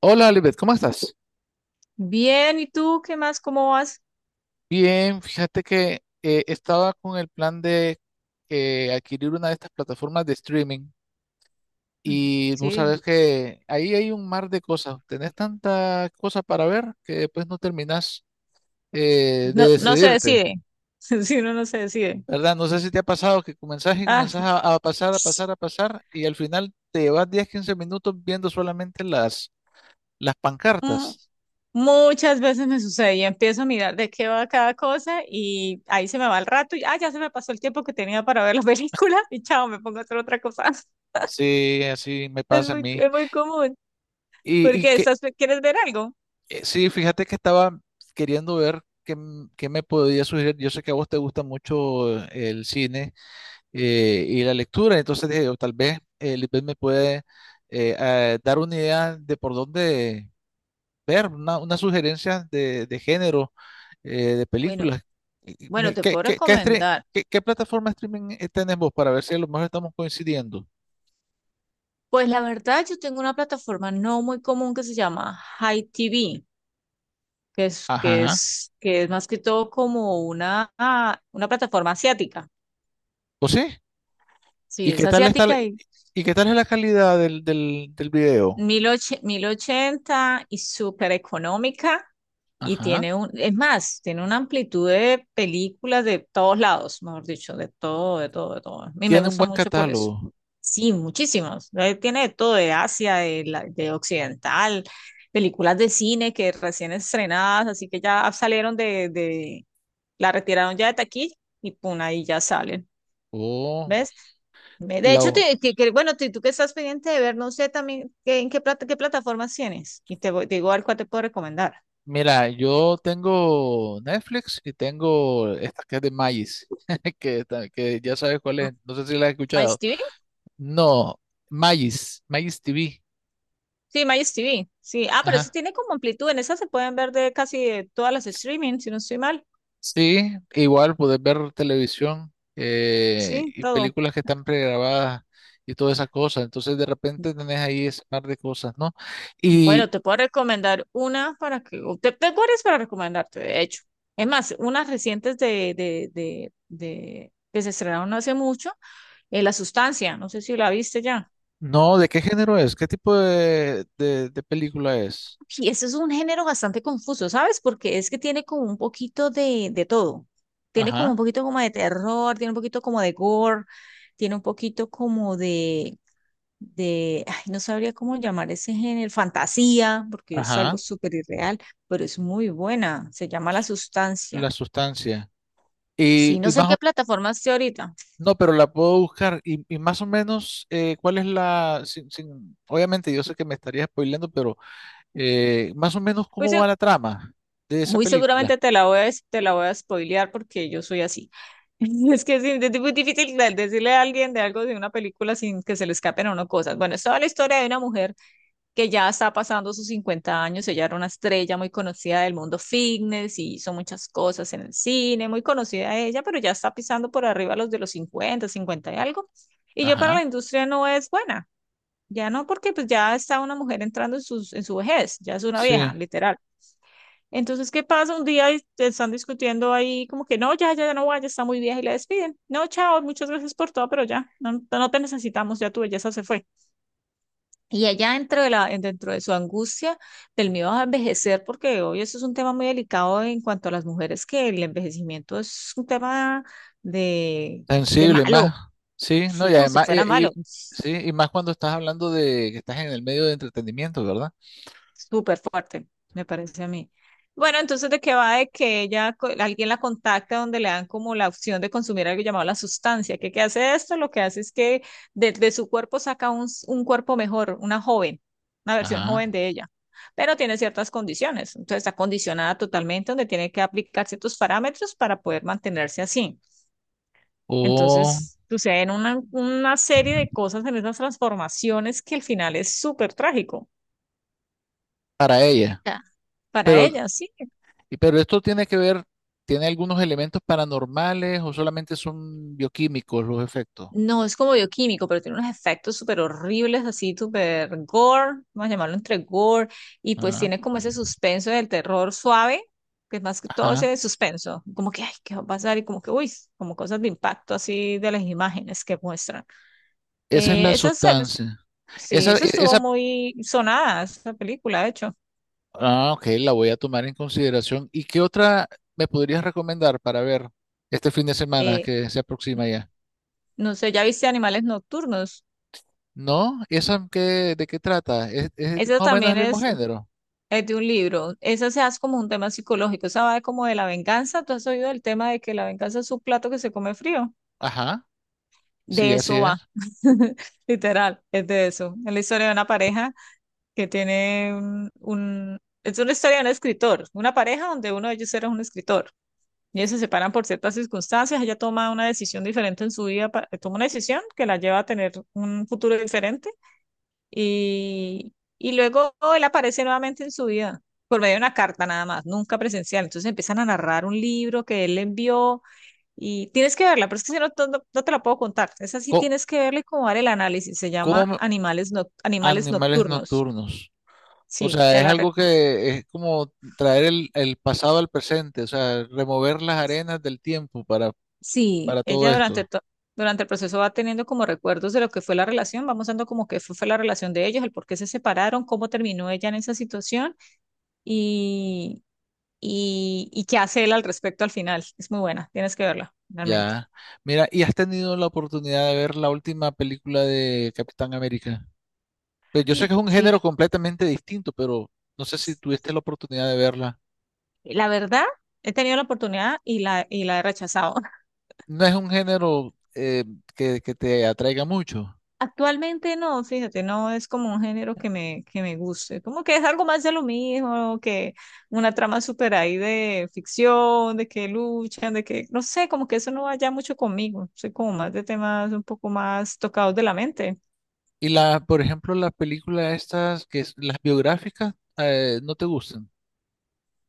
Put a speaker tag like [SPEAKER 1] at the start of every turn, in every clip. [SPEAKER 1] Hola, Lisbeth, ¿cómo estás?
[SPEAKER 2] Bien, ¿y tú qué más? ¿Cómo vas?
[SPEAKER 1] Bien, fíjate que estaba con el plan de adquirir una de estas plataformas de streaming
[SPEAKER 2] Ujú.
[SPEAKER 1] y vos
[SPEAKER 2] Sí,
[SPEAKER 1] sabés que ahí hay un mar de cosas. Tenés tanta cosa para ver que después no terminás de
[SPEAKER 2] no, no se
[SPEAKER 1] decidirte,
[SPEAKER 2] decide. Si uno no se decide.
[SPEAKER 1] ¿verdad? No sé si te ha pasado que comenzás y
[SPEAKER 2] Ah,
[SPEAKER 1] comenzás a pasar, a pasar, a pasar y al final te llevas 10, 15 minutos viendo solamente las
[SPEAKER 2] mm,
[SPEAKER 1] pancartas.
[SPEAKER 2] Muchas veces me sucede y empiezo a mirar de qué va cada cosa y ahí se me va el rato y ya se me pasó el tiempo que tenía para ver la película. Y chao, me pongo a hacer otra cosa.
[SPEAKER 1] Sí, así me pasa a mí.
[SPEAKER 2] Es muy común.
[SPEAKER 1] ¿Y
[SPEAKER 2] Porque
[SPEAKER 1] qué?
[SPEAKER 2] estás, ¿quieres ver algo?
[SPEAKER 1] Sí, fíjate que estaba queriendo ver qué, qué me podía sugerir. Yo sé que a vos te gusta mucho el cine y la lectura, entonces dije, o tal vez Lisbeth me puede dar una idea de por dónde ver, una sugerencia de género, de
[SPEAKER 2] Bueno,
[SPEAKER 1] películas. Y- y
[SPEAKER 2] bueno,
[SPEAKER 1] me-
[SPEAKER 2] te
[SPEAKER 1] ¿Qué,
[SPEAKER 2] puedo
[SPEAKER 1] qué, qué, estre-
[SPEAKER 2] recomendar.
[SPEAKER 1] qué plataforma streaming tenés vos para ver si a lo mejor estamos coincidiendo?
[SPEAKER 2] Pues la verdad, yo tengo una plataforma no muy común que se llama Hi TV,
[SPEAKER 1] Ajá.
[SPEAKER 2] que es más que todo como una, una plataforma asiática.
[SPEAKER 1] ¿O sí?
[SPEAKER 2] Sí,
[SPEAKER 1] ¿Y
[SPEAKER 2] es
[SPEAKER 1] qué tal está,
[SPEAKER 2] asiática y
[SPEAKER 1] y qué tal es la calidad del video?
[SPEAKER 2] 1080 y súper económica. Y
[SPEAKER 1] Ajá.
[SPEAKER 2] tiene un, es más, tiene una amplitud de películas de todos lados, mejor dicho, de todo. A mí me
[SPEAKER 1] Tiene un
[SPEAKER 2] gusta
[SPEAKER 1] buen
[SPEAKER 2] mucho por eso.
[SPEAKER 1] catálogo.
[SPEAKER 2] Sí, muchísimas. Tiene de todo de Asia, de occidental, películas de cine que recién estrenadas, así que ya salieron la retiraron ya de taquilla y pum, ahí ya salen.
[SPEAKER 1] Oh,
[SPEAKER 2] ¿Ves? De hecho,
[SPEAKER 1] la-
[SPEAKER 2] bueno, tú que estás pendiente de ver, no sé también qué plataformas tienes. Y te digo al cual te puedo recomendar.
[SPEAKER 1] mira, yo tengo Netflix y tengo esta que es de Magis, que, que ya sabes cuál es. No sé si la has escuchado.
[SPEAKER 2] MyTV.
[SPEAKER 1] No, Magis TV.
[SPEAKER 2] Sí, MyTV. Sí. Ah, pero eso
[SPEAKER 1] Ajá.
[SPEAKER 2] tiene como amplitud. En esas se pueden ver de casi de todas las streaming, si no estoy mal.
[SPEAKER 1] Sí, igual puedes ver televisión
[SPEAKER 2] Sí,
[SPEAKER 1] y
[SPEAKER 2] todo.
[SPEAKER 1] películas que están pregrabadas y todas esas cosas. Entonces, de repente tenés ahí ese par de cosas, ¿no? Y
[SPEAKER 2] Bueno, te puedo recomendar una para que. Tengo varias para recomendarte, de hecho. Es más, unas recientes que se estrenaron no hace mucho. La Sustancia, no sé si la viste ya.
[SPEAKER 1] no, ¿de qué género es? ¿Qué tipo de película es?
[SPEAKER 2] Y ese es un género bastante confuso, ¿sabes? Porque es que tiene como un poquito de todo. Tiene como un
[SPEAKER 1] Ajá,
[SPEAKER 2] poquito como de terror, tiene un poquito como de gore, tiene un poquito como ay, no sabría cómo llamar ese género, fantasía, porque es algo
[SPEAKER 1] ajá.
[SPEAKER 2] súper irreal, pero es muy buena. Se llama La Sustancia.
[SPEAKER 1] La sustancia.
[SPEAKER 2] Sí,
[SPEAKER 1] Y,
[SPEAKER 2] no
[SPEAKER 1] y
[SPEAKER 2] sé en
[SPEAKER 1] más o-
[SPEAKER 2] qué plataforma esté ahorita.
[SPEAKER 1] no, pero la puedo buscar. Y más o menos, ¿cuál es la obviamente yo sé que me estaría spoileando, pero más o menos
[SPEAKER 2] Pues
[SPEAKER 1] cómo va la trama de esa
[SPEAKER 2] muy
[SPEAKER 1] película?
[SPEAKER 2] seguramente te la voy a spoilear porque yo soy así. Es que sí, es muy difícil decirle a alguien de algo de una película sin que se le escapen a uno cosas. Bueno, es toda la historia de una mujer que ya está pasando sus 50 años. Ella era una estrella muy conocida del mundo fitness y hizo muchas cosas en el cine, muy conocida ella, pero ya está pisando por arriba los de los cincuenta, 50 y algo. Y yo para la
[SPEAKER 1] Ajá,
[SPEAKER 2] industria no es buena. Ya no, porque pues ya está una mujer entrando en su vejez, ya es una
[SPEAKER 1] sí.
[SPEAKER 2] vieja, literal. Entonces, ¿qué pasa? Un día y te están discutiendo ahí como que no, ya no va, ya está muy vieja y la despiden. No, chao, muchas gracias por todo, pero ya, no, no te necesitamos, ya tu belleza se fue. Y ella dentro dentro de su angustia, del miedo a envejecer, porque hoy eso es un tema muy delicado en cuanto a las mujeres, que el envejecimiento es un tema de, de
[SPEAKER 1] Sensible más.
[SPEAKER 2] malo,
[SPEAKER 1] Sí, no,
[SPEAKER 2] sí,
[SPEAKER 1] y
[SPEAKER 2] como si
[SPEAKER 1] además,
[SPEAKER 2] fuera malo.
[SPEAKER 1] sí, y más cuando estás hablando de que estás en el medio de entretenimiento, ¿verdad?
[SPEAKER 2] Súper fuerte, me parece a mí. Bueno, entonces, ¿de qué va? De que ella, alguien la contacta donde le dan como la opción de consumir algo llamado la sustancia. ¿Qué, qué hace esto? Lo que hace es que de su cuerpo saca un, un cuerpo mejor, una joven, una versión joven
[SPEAKER 1] Ajá.
[SPEAKER 2] de ella, pero tiene ciertas condiciones. Entonces, está condicionada totalmente donde tiene que aplicar ciertos parámetros para poder mantenerse así.
[SPEAKER 1] O
[SPEAKER 2] Entonces, suceden una serie de cosas en esas transformaciones que al final es súper trágico.
[SPEAKER 1] para ella.
[SPEAKER 2] Ya. Para
[SPEAKER 1] Pero
[SPEAKER 2] ella, sí.
[SPEAKER 1] Pero esto tiene que ver, tiene algunos elementos paranormales o solamente son bioquímicos los efectos.
[SPEAKER 2] No, es como bioquímico, pero tiene unos efectos súper horribles, así súper gore, vamos a llamarlo entre gore, y pues
[SPEAKER 1] Ah,
[SPEAKER 2] tiene como ese suspenso del terror suave, que es más que todo
[SPEAKER 1] ajá.
[SPEAKER 2] ese suspenso, como que, ay, ¿qué va a pasar? Y como que, uy, como cosas de impacto así de las imágenes que muestran.
[SPEAKER 1] Esa es
[SPEAKER 2] Eh,
[SPEAKER 1] la
[SPEAKER 2] esa, se-
[SPEAKER 1] sustancia.
[SPEAKER 2] sí,
[SPEAKER 1] Esa,
[SPEAKER 2] esa
[SPEAKER 1] e-
[SPEAKER 2] estuvo
[SPEAKER 1] esa,
[SPEAKER 2] muy sonada, esa película, de hecho.
[SPEAKER 1] ah, ok, la voy a tomar en consideración. ¿Y qué otra me podrías recomendar para ver este fin de semana
[SPEAKER 2] Eh,
[SPEAKER 1] que se aproxima ya?
[SPEAKER 2] no sé, ¿ya viste Animales Nocturnos?
[SPEAKER 1] ¿No? ¿Esa qué, de qué trata? ¿Es
[SPEAKER 2] Esa
[SPEAKER 1] más o menos
[SPEAKER 2] también
[SPEAKER 1] el mismo
[SPEAKER 2] es.
[SPEAKER 1] género?
[SPEAKER 2] Es de un libro. Esa se hace como un tema psicológico. Esa va de como de la venganza. ¿Tú has oído el tema de que la venganza es un plato que se come frío?
[SPEAKER 1] Ajá, sí,
[SPEAKER 2] De
[SPEAKER 1] así
[SPEAKER 2] eso
[SPEAKER 1] es.
[SPEAKER 2] va. Literal, es de eso. Es la historia de una pareja que tiene es una historia de un escritor. Una pareja donde uno de ellos era un escritor. Y ellos se separan por ciertas circunstancias. Ella toma una decisión diferente en su vida. Toma una decisión que la lleva a tener un futuro diferente y luego él aparece nuevamente en su vida, por medio de una carta nada más, nunca presencial. Entonces empiezan a narrar un libro que él le envió y tienes que verla, pero es que si no, no no te la puedo contar. Esa sí
[SPEAKER 1] Co-
[SPEAKER 2] tienes que verla y como dar el análisis. Se llama
[SPEAKER 1] ¿Cómo,
[SPEAKER 2] Animales
[SPEAKER 1] animales
[SPEAKER 2] Nocturnos.
[SPEAKER 1] nocturnos? O
[SPEAKER 2] Sí,
[SPEAKER 1] sea,
[SPEAKER 2] te
[SPEAKER 1] es
[SPEAKER 2] la
[SPEAKER 1] algo
[SPEAKER 2] recomiendo.
[SPEAKER 1] que es como traer el pasado al presente, o sea, remover las arenas del tiempo para,
[SPEAKER 2] Sí,
[SPEAKER 1] para todo esto.
[SPEAKER 2] durante el proceso va teniendo como recuerdos de lo que fue la relación, vamos dando como que fue, fue la relación de ellos, el por qué se separaron, cómo terminó ella en esa situación y qué hace él al respecto al final. Es muy buena, tienes que verla, realmente.
[SPEAKER 1] Ya. Mira, ¿y has tenido la oportunidad de ver la última película de Capitán América? Pues yo sé que
[SPEAKER 2] Ay,
[SPEAKER 1] es un
[SPEAKER 2] sí,
[SPEAKER 1] género completamente distinto, pero no sé si
[SPEAKER 2] es-
[SPEAKER 1] tuviste la oportunidad de verla.
[SPEAKER 2] la verdad, he tenido la oportunidad y la he rechazado.
[SPEAKER 1] No es un género que te atraiga mucho.
[SPEAKER 2] Actualmente no, fíjate, no es como un género que me guste, como que es algo más de lo mismo, que una trama súper ahí de ficción, de que luchan, de que, no sé, como que eso no vaya mucho conmigo, soy como más de temas un poco más tocados de la mente.
[SPEAKER 1] Y la, por ejemplo, las películas estas, las biográficas, no te gustan.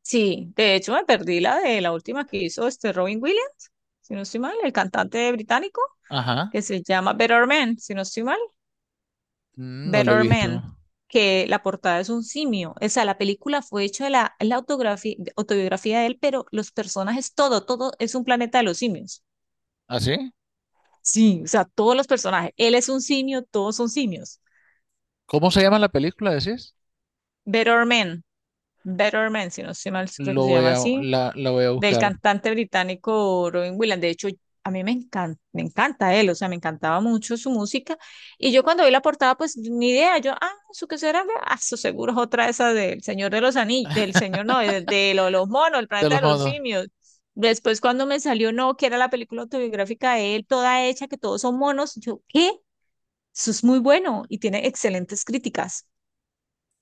[SPEAKER 2] Sí, de hecho me perdí la de la última que hizo este Robin Williams, si no estoy mal, el cantante británico,
[SPEAKER 1] Ajá.
[SPEAKER 2] que se llama Better Man, si no estoy mal,
[SPEAKER 1] Mm. No lo he
[SPEAKER 2] Better
[SPEAKER 1] visto.
[SPEAKER 2] Man, que la portada es un simio. O sea, la película fue hecha de la autografía, autobiografía de él, pero los personajes, todo, todo es un planeta de los simios.
[SPEAKER 1] ¿Así?
[SPEAKER 2] Sí, o sea, todos los personajes. Él es un simio, todos son simios.
[SPEAKER 1] ¿Cómo se llama la película, decís?
[SPEAKER 2] Better Man, Better Man, si no estoy mal, creo que
[SPEAKER 1] Lo
[SPEAKER 2] se
[SPEAKER 1] voy
[SPEAKER 2] llama
[SPEAKER 1] a,
[SPEAKER 2] así.
[SPEAKER 1] la voy a
[SPEAKER 2] Del
[SPEAKER 1] buscar.
[SPEAKER 2] cantante británico Robin Williams. De hecho, a mí me encanta él, o sea, me encantaba mucho su música. Y yo cuando vi la portada, pues ni idea, yo, ah, ¿eso qué será? Ah, eso seguro es otra esa del Señor de los Anillos, del Señor, no, los monos, el
[SPEAKER 1] De
[SPEAKER 2] planeta
[SPEAKER 1] los
[SPEAKER 2] de los
[SPEAKER 1] monos.
[SPEAKER 2] simios. Después cuando me salió, no, que era la película autobiográfica de él, toda hecha, que todos son monos, yo, ¿qué? Eso es muy bueno y tiene excelentes críticas.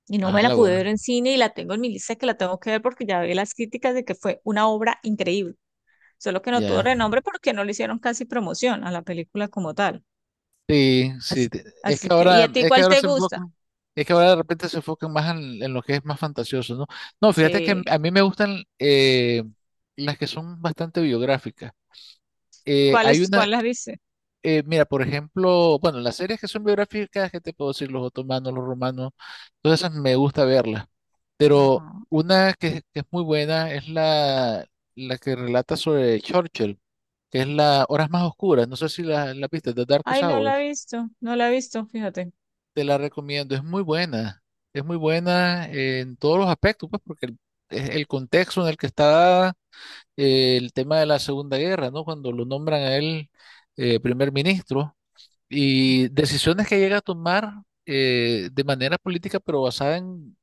[SPEAKER 2] Y no
[SPEAKER 1] Ah,
[SPEAKER 2] me la
[SPEAKER 1] la
[SPEAKER 2] pude
[SPEAKER 1] voy.
[SPEAKER 2] ver en cine y la tengo en mi lista que la tengo que ver porque ya vi las críticas de que fue una obra increíble, solo que no tuvo
[SPEAKER 1] Ya.
[SPEAKER 2] renombre porque no le hicieron casi promoción a la película como tal.
[SPEAKER 1] Sí, sí.
[SPEAKER 2] Así, así que, ¿y a ti cuál te gusta?
[SPEAKER 1] Es que ahora de repente se enfocan más en lo que es más fantasioso, ¿no? No, fíjate que
[SPEAKER 2] Sí,
[SPEAKER 1] a mí me gustan las que son bastante biográficas. Eh,
[SPEAKER 2] ¿cuál
[SPEAKER 1] hay
[SPEAKER 2] es,
[SPEAKER 1] una,
[SPEAKER 2] cuál la viste?
[SPEAKER 1] mira, por ejemplo, bueno, las series que son biográficas, ¿qué te puedo decir? Los otomanos, los romanos, todas esas me gusta verlas.
[SPEAKER 2] Ajá.
[SPEAKER 1] Pero una que es muy buena es la que relata sobre Churchill, que es la Horas Más Oscuras. No sé si la viste, The Darkest
[SPEAKER 2] Ay,
[SPEAKER 1] Hours.
[SPEAKER 2] no la he visto, fíjate.
[SPEAKER 1] Te la recomiendo, es muy buena. Es muy buena en todos los aspectos, pues, porque es el contexto en el que está dada, el tema de la Segunda Guerra, ¿no? Cuando lo nombran a él primer ministro y decisiones que llega a tomar de manera política, pero basada en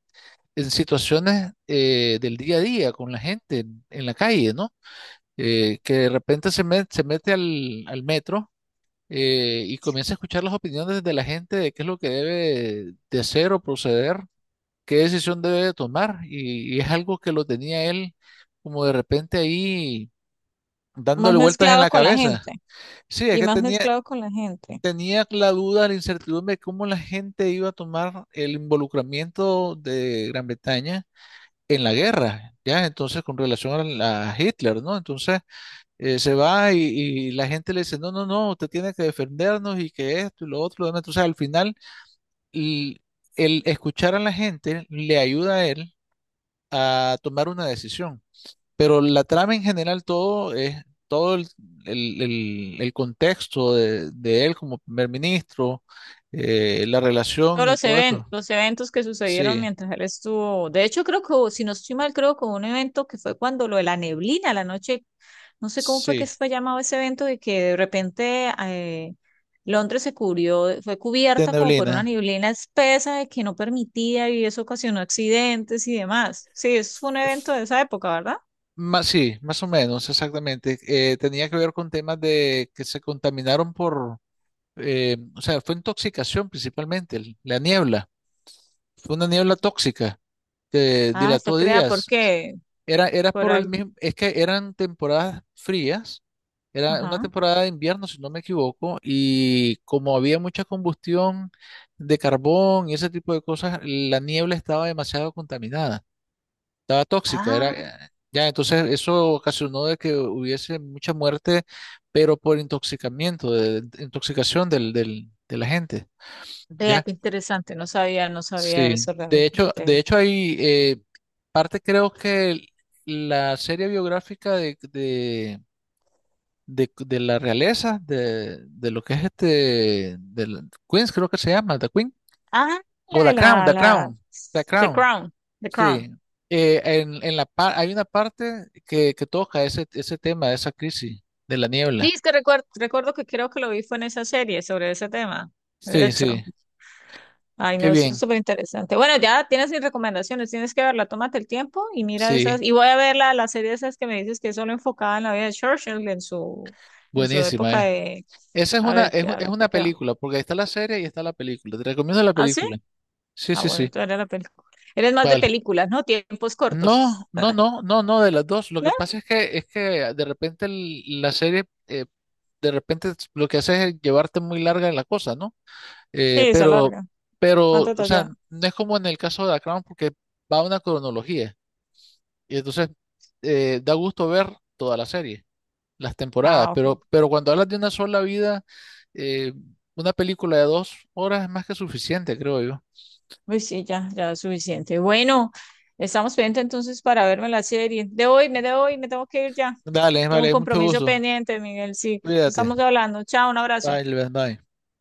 [SPEAKER 1] en situaciones del día a día con la gente en la calle, ¿no? Que de repente se mete al metro y comienza a escuchar las opiniones de la gente de qué es lo que debe de hacer o proceder, qué decisión debe de tomar. Y es algo que lo tenía él como de repente ahí
[SPEAKER 2] Más
[SPEAKER 1] dándole vueltas en
[SPEAKER 2] mezclado
[SPEAKER 1] la
[SPEAKER 2] con la
[SPEAKER 1] cabeza.
[SPEAKER 2] gente,
[SPEAKER 1] Sí, es
[SPEAKER 2] y
[SPEAKER 1] que
[SPEAKER 2] más
[SPEAKER 1] tenía,
[SPEAKER 2] mezclado con la gente.
[SPEAKER 1] tenía la duda, la incertidumbre de cómo la gente iba a tomar el involucramiento de Gran Bretaña en la guerra, ¿ya? Entonces, con relación a Hitler, ¿no? Entonces, se va y la gente le dice, no, no, no, usted tiene que defendernos y que esto y lo otro, lo demás. Entonces, al final, l- el escuchar a la gente le ayuda a él a tomar una decisión. Pero la trama en general, todo es, todo el contexto de él como primer ministro, la relación y todo esto.
[SPEAKER 2] Los eventos que sucedieron
[SPEAKER 1] Sí,
[SPEAKER 2] mientras él estuvo. De hecho, creo que, si no estoy mal, creo que hubo un evento que fue cuando lo de la neblina, la noche, no sé cómo fue
[SPEAKER 1] sí,
[SPEAKER 2] que fue llamado ese evento, de que de repente Londres se cubrió, fue
[SPEAKER 1] de
[SPEAKER 2] cubierta como por una
[SPEAKER 1] neblina.
[SPEAKER 2] neblina espesa de que no permitía y eso ocasionó accidentes y demás. Sí, es un evento de esa época, ¿verdad?
[SPEAKER 1] Más, sí, más o menos, exactamente. Tenía que ver con temas de que se contaminaron o sea, fue intoxicación principalmente, la niebla. Fue una niebla tóxica que
[SPEAKER 2] Ah, fue
[SPEAKER 1] dilató
[SPEAKER 2] creada
[SPEAKER 1] días.
[SPEAKER 2] porque,
[SPEAKER 1] Era
[SPEAKER 2] por
[SPEAKER 1] por el
[SPEAKER 2] algo.
[SPEAKER 1] mismo, es que eran temporadas frías, era una
[SPEAKER 2] Ajá.
[SPEAKER 1] temporada de invierno, si no me equivoco, y como había mucha combustión de carbón y ese tipo de cosas, la niebla estaba demasiado contaminada. Estaba tóxica, era
[SPEAKER 2] Ah,
[SPEAKER 1] ya, entonces eso ocasionó de que hubiese mucha muerte, pero por intoxicamiento, de intoxicación de la gente,
[SPEAKER 2] vea
[SPEAKER 1] ¿ya?
[SPEAKER 2] qué interesante, no sabía, no sabía
[SPEAKER 1] Sí.
[SPEAKER 2] eso
[SPEAKER 1] De hecho, de
[SPEAKER 2] realmente.
[SPEAKER 1] hecho hay parte creo que la serie biográfica de la realeza, de lo que es este, de Queens creo que se llama, The Queen,
[SPEAKER 2] Ah,
[SPEAKER 1] o
[SPEAKER 2] la de
[SPEAKER 1] The Crown,
[SPEAKER 2] la,
[SPEAKER 1] The
[SPEAKER 2] la,
[SPEAKER 1] Crown, The
[SPEAKER 2] The
[SPEAKER 1] Crown.
[SPEAKER 2] Crown, The Crown.
[SPEAKER 1] Sí, en hay una parte que toca ese tema, esa crisis de la
[SPEAKER 2] Sí,
[SPEAKER 1] niebla.
[SPEAKER 2] es que recuerdo, recuerdo que creo que lo vi fue en esa serie sobre ese tema. De
[SPEAKER 1] Sí, sí,
[SPEAKER 2] hecho, ay,
[SPEAKER 1] qué
[SPEAKER 2] no, eso es
[SPEAKER 1] bien,
[SPEAKER 2] súper interesante. Bueno, ya tienes mis recomendaciones, tienes que verla, tómate el tiempo y mira
[SPEAKER 1] sí,
[SPEAKER 2] esas. Y voy a ver la serie esas que me dices que es solo enfocada en la vida de Churchill, en su
[SPEAKER 1] buenísima.
[SPEAKER 2] época de.
[SPEAKER 1] Esa es
[SPEAKER 2] A ver,
[SPEAKER 1] una
[SPEAKER 2] qué va.
[SPEAKER 1] película, porque ahí está la serie y está la película. Te recomiendo la
[SPEAKER 2] ¿Ah, sí?
[SPEAKER 1] película. Sí,
[SPEAKER 2] Ah,
[SPEAKER 1] sí,
[SPEAKER 2] bueno,
[SPEAKER 1] sí,
[SPEAKER 2] tú eres la película. Eres más de
[SPEAKER 1] vale.
[SPEAKER 2] películas, ¿no? Tiempos
[SPEAKER 1] No,
[SPEAKER 2] cortos.
[SPEAKER 1] no, no, no, no, de las dos. Lo que
[SPEAKER 2] ¿No?
[SPEAKER 1] pasa es que, de repente la serie, de repente lo que hace es llevarte muy larga en la cosa, ¿no? Eh,
[SPEAKER 2] Sí, se
[SPEAKER 1] pero,
[SPEAKER 2] alarga. Más
[SPEAKER 1] pero, o sea,
[SPEAKER 2] detallada.
[SPEAKER 1] no es como en el caso de The Crown porque va a una cronología. Y entonces da gusto ver toda la serie, las temporadas.
[SPEAKER 2] Ah, ok.
[SPEAKER 1] Pero cuando hablas de una sola vida, eh, una película de 2 horas es más que suficiente, creo yo.
[SPEAKER 2] Pues sí, ya, ya es suficiente. Bueno, estamos pendientes entonces para verme la serie. Debo irme, tengo que ir ya.
[SPEAKER 1] Dale,
[SPEAKER 2] Tengo un
[SPEAKER 1] vale, mucho
[SPEAKER 2] compromiso
[SPEAKER 1] gusto.
[SPEAKER 2] pendiente, Miguel. Sí,
[SPEAKER 1] Cuídate.
[SPEAKER 2] estamos hablando. Chao, un abrazo.
[SPEAKER 1] Bye, Levan, bye.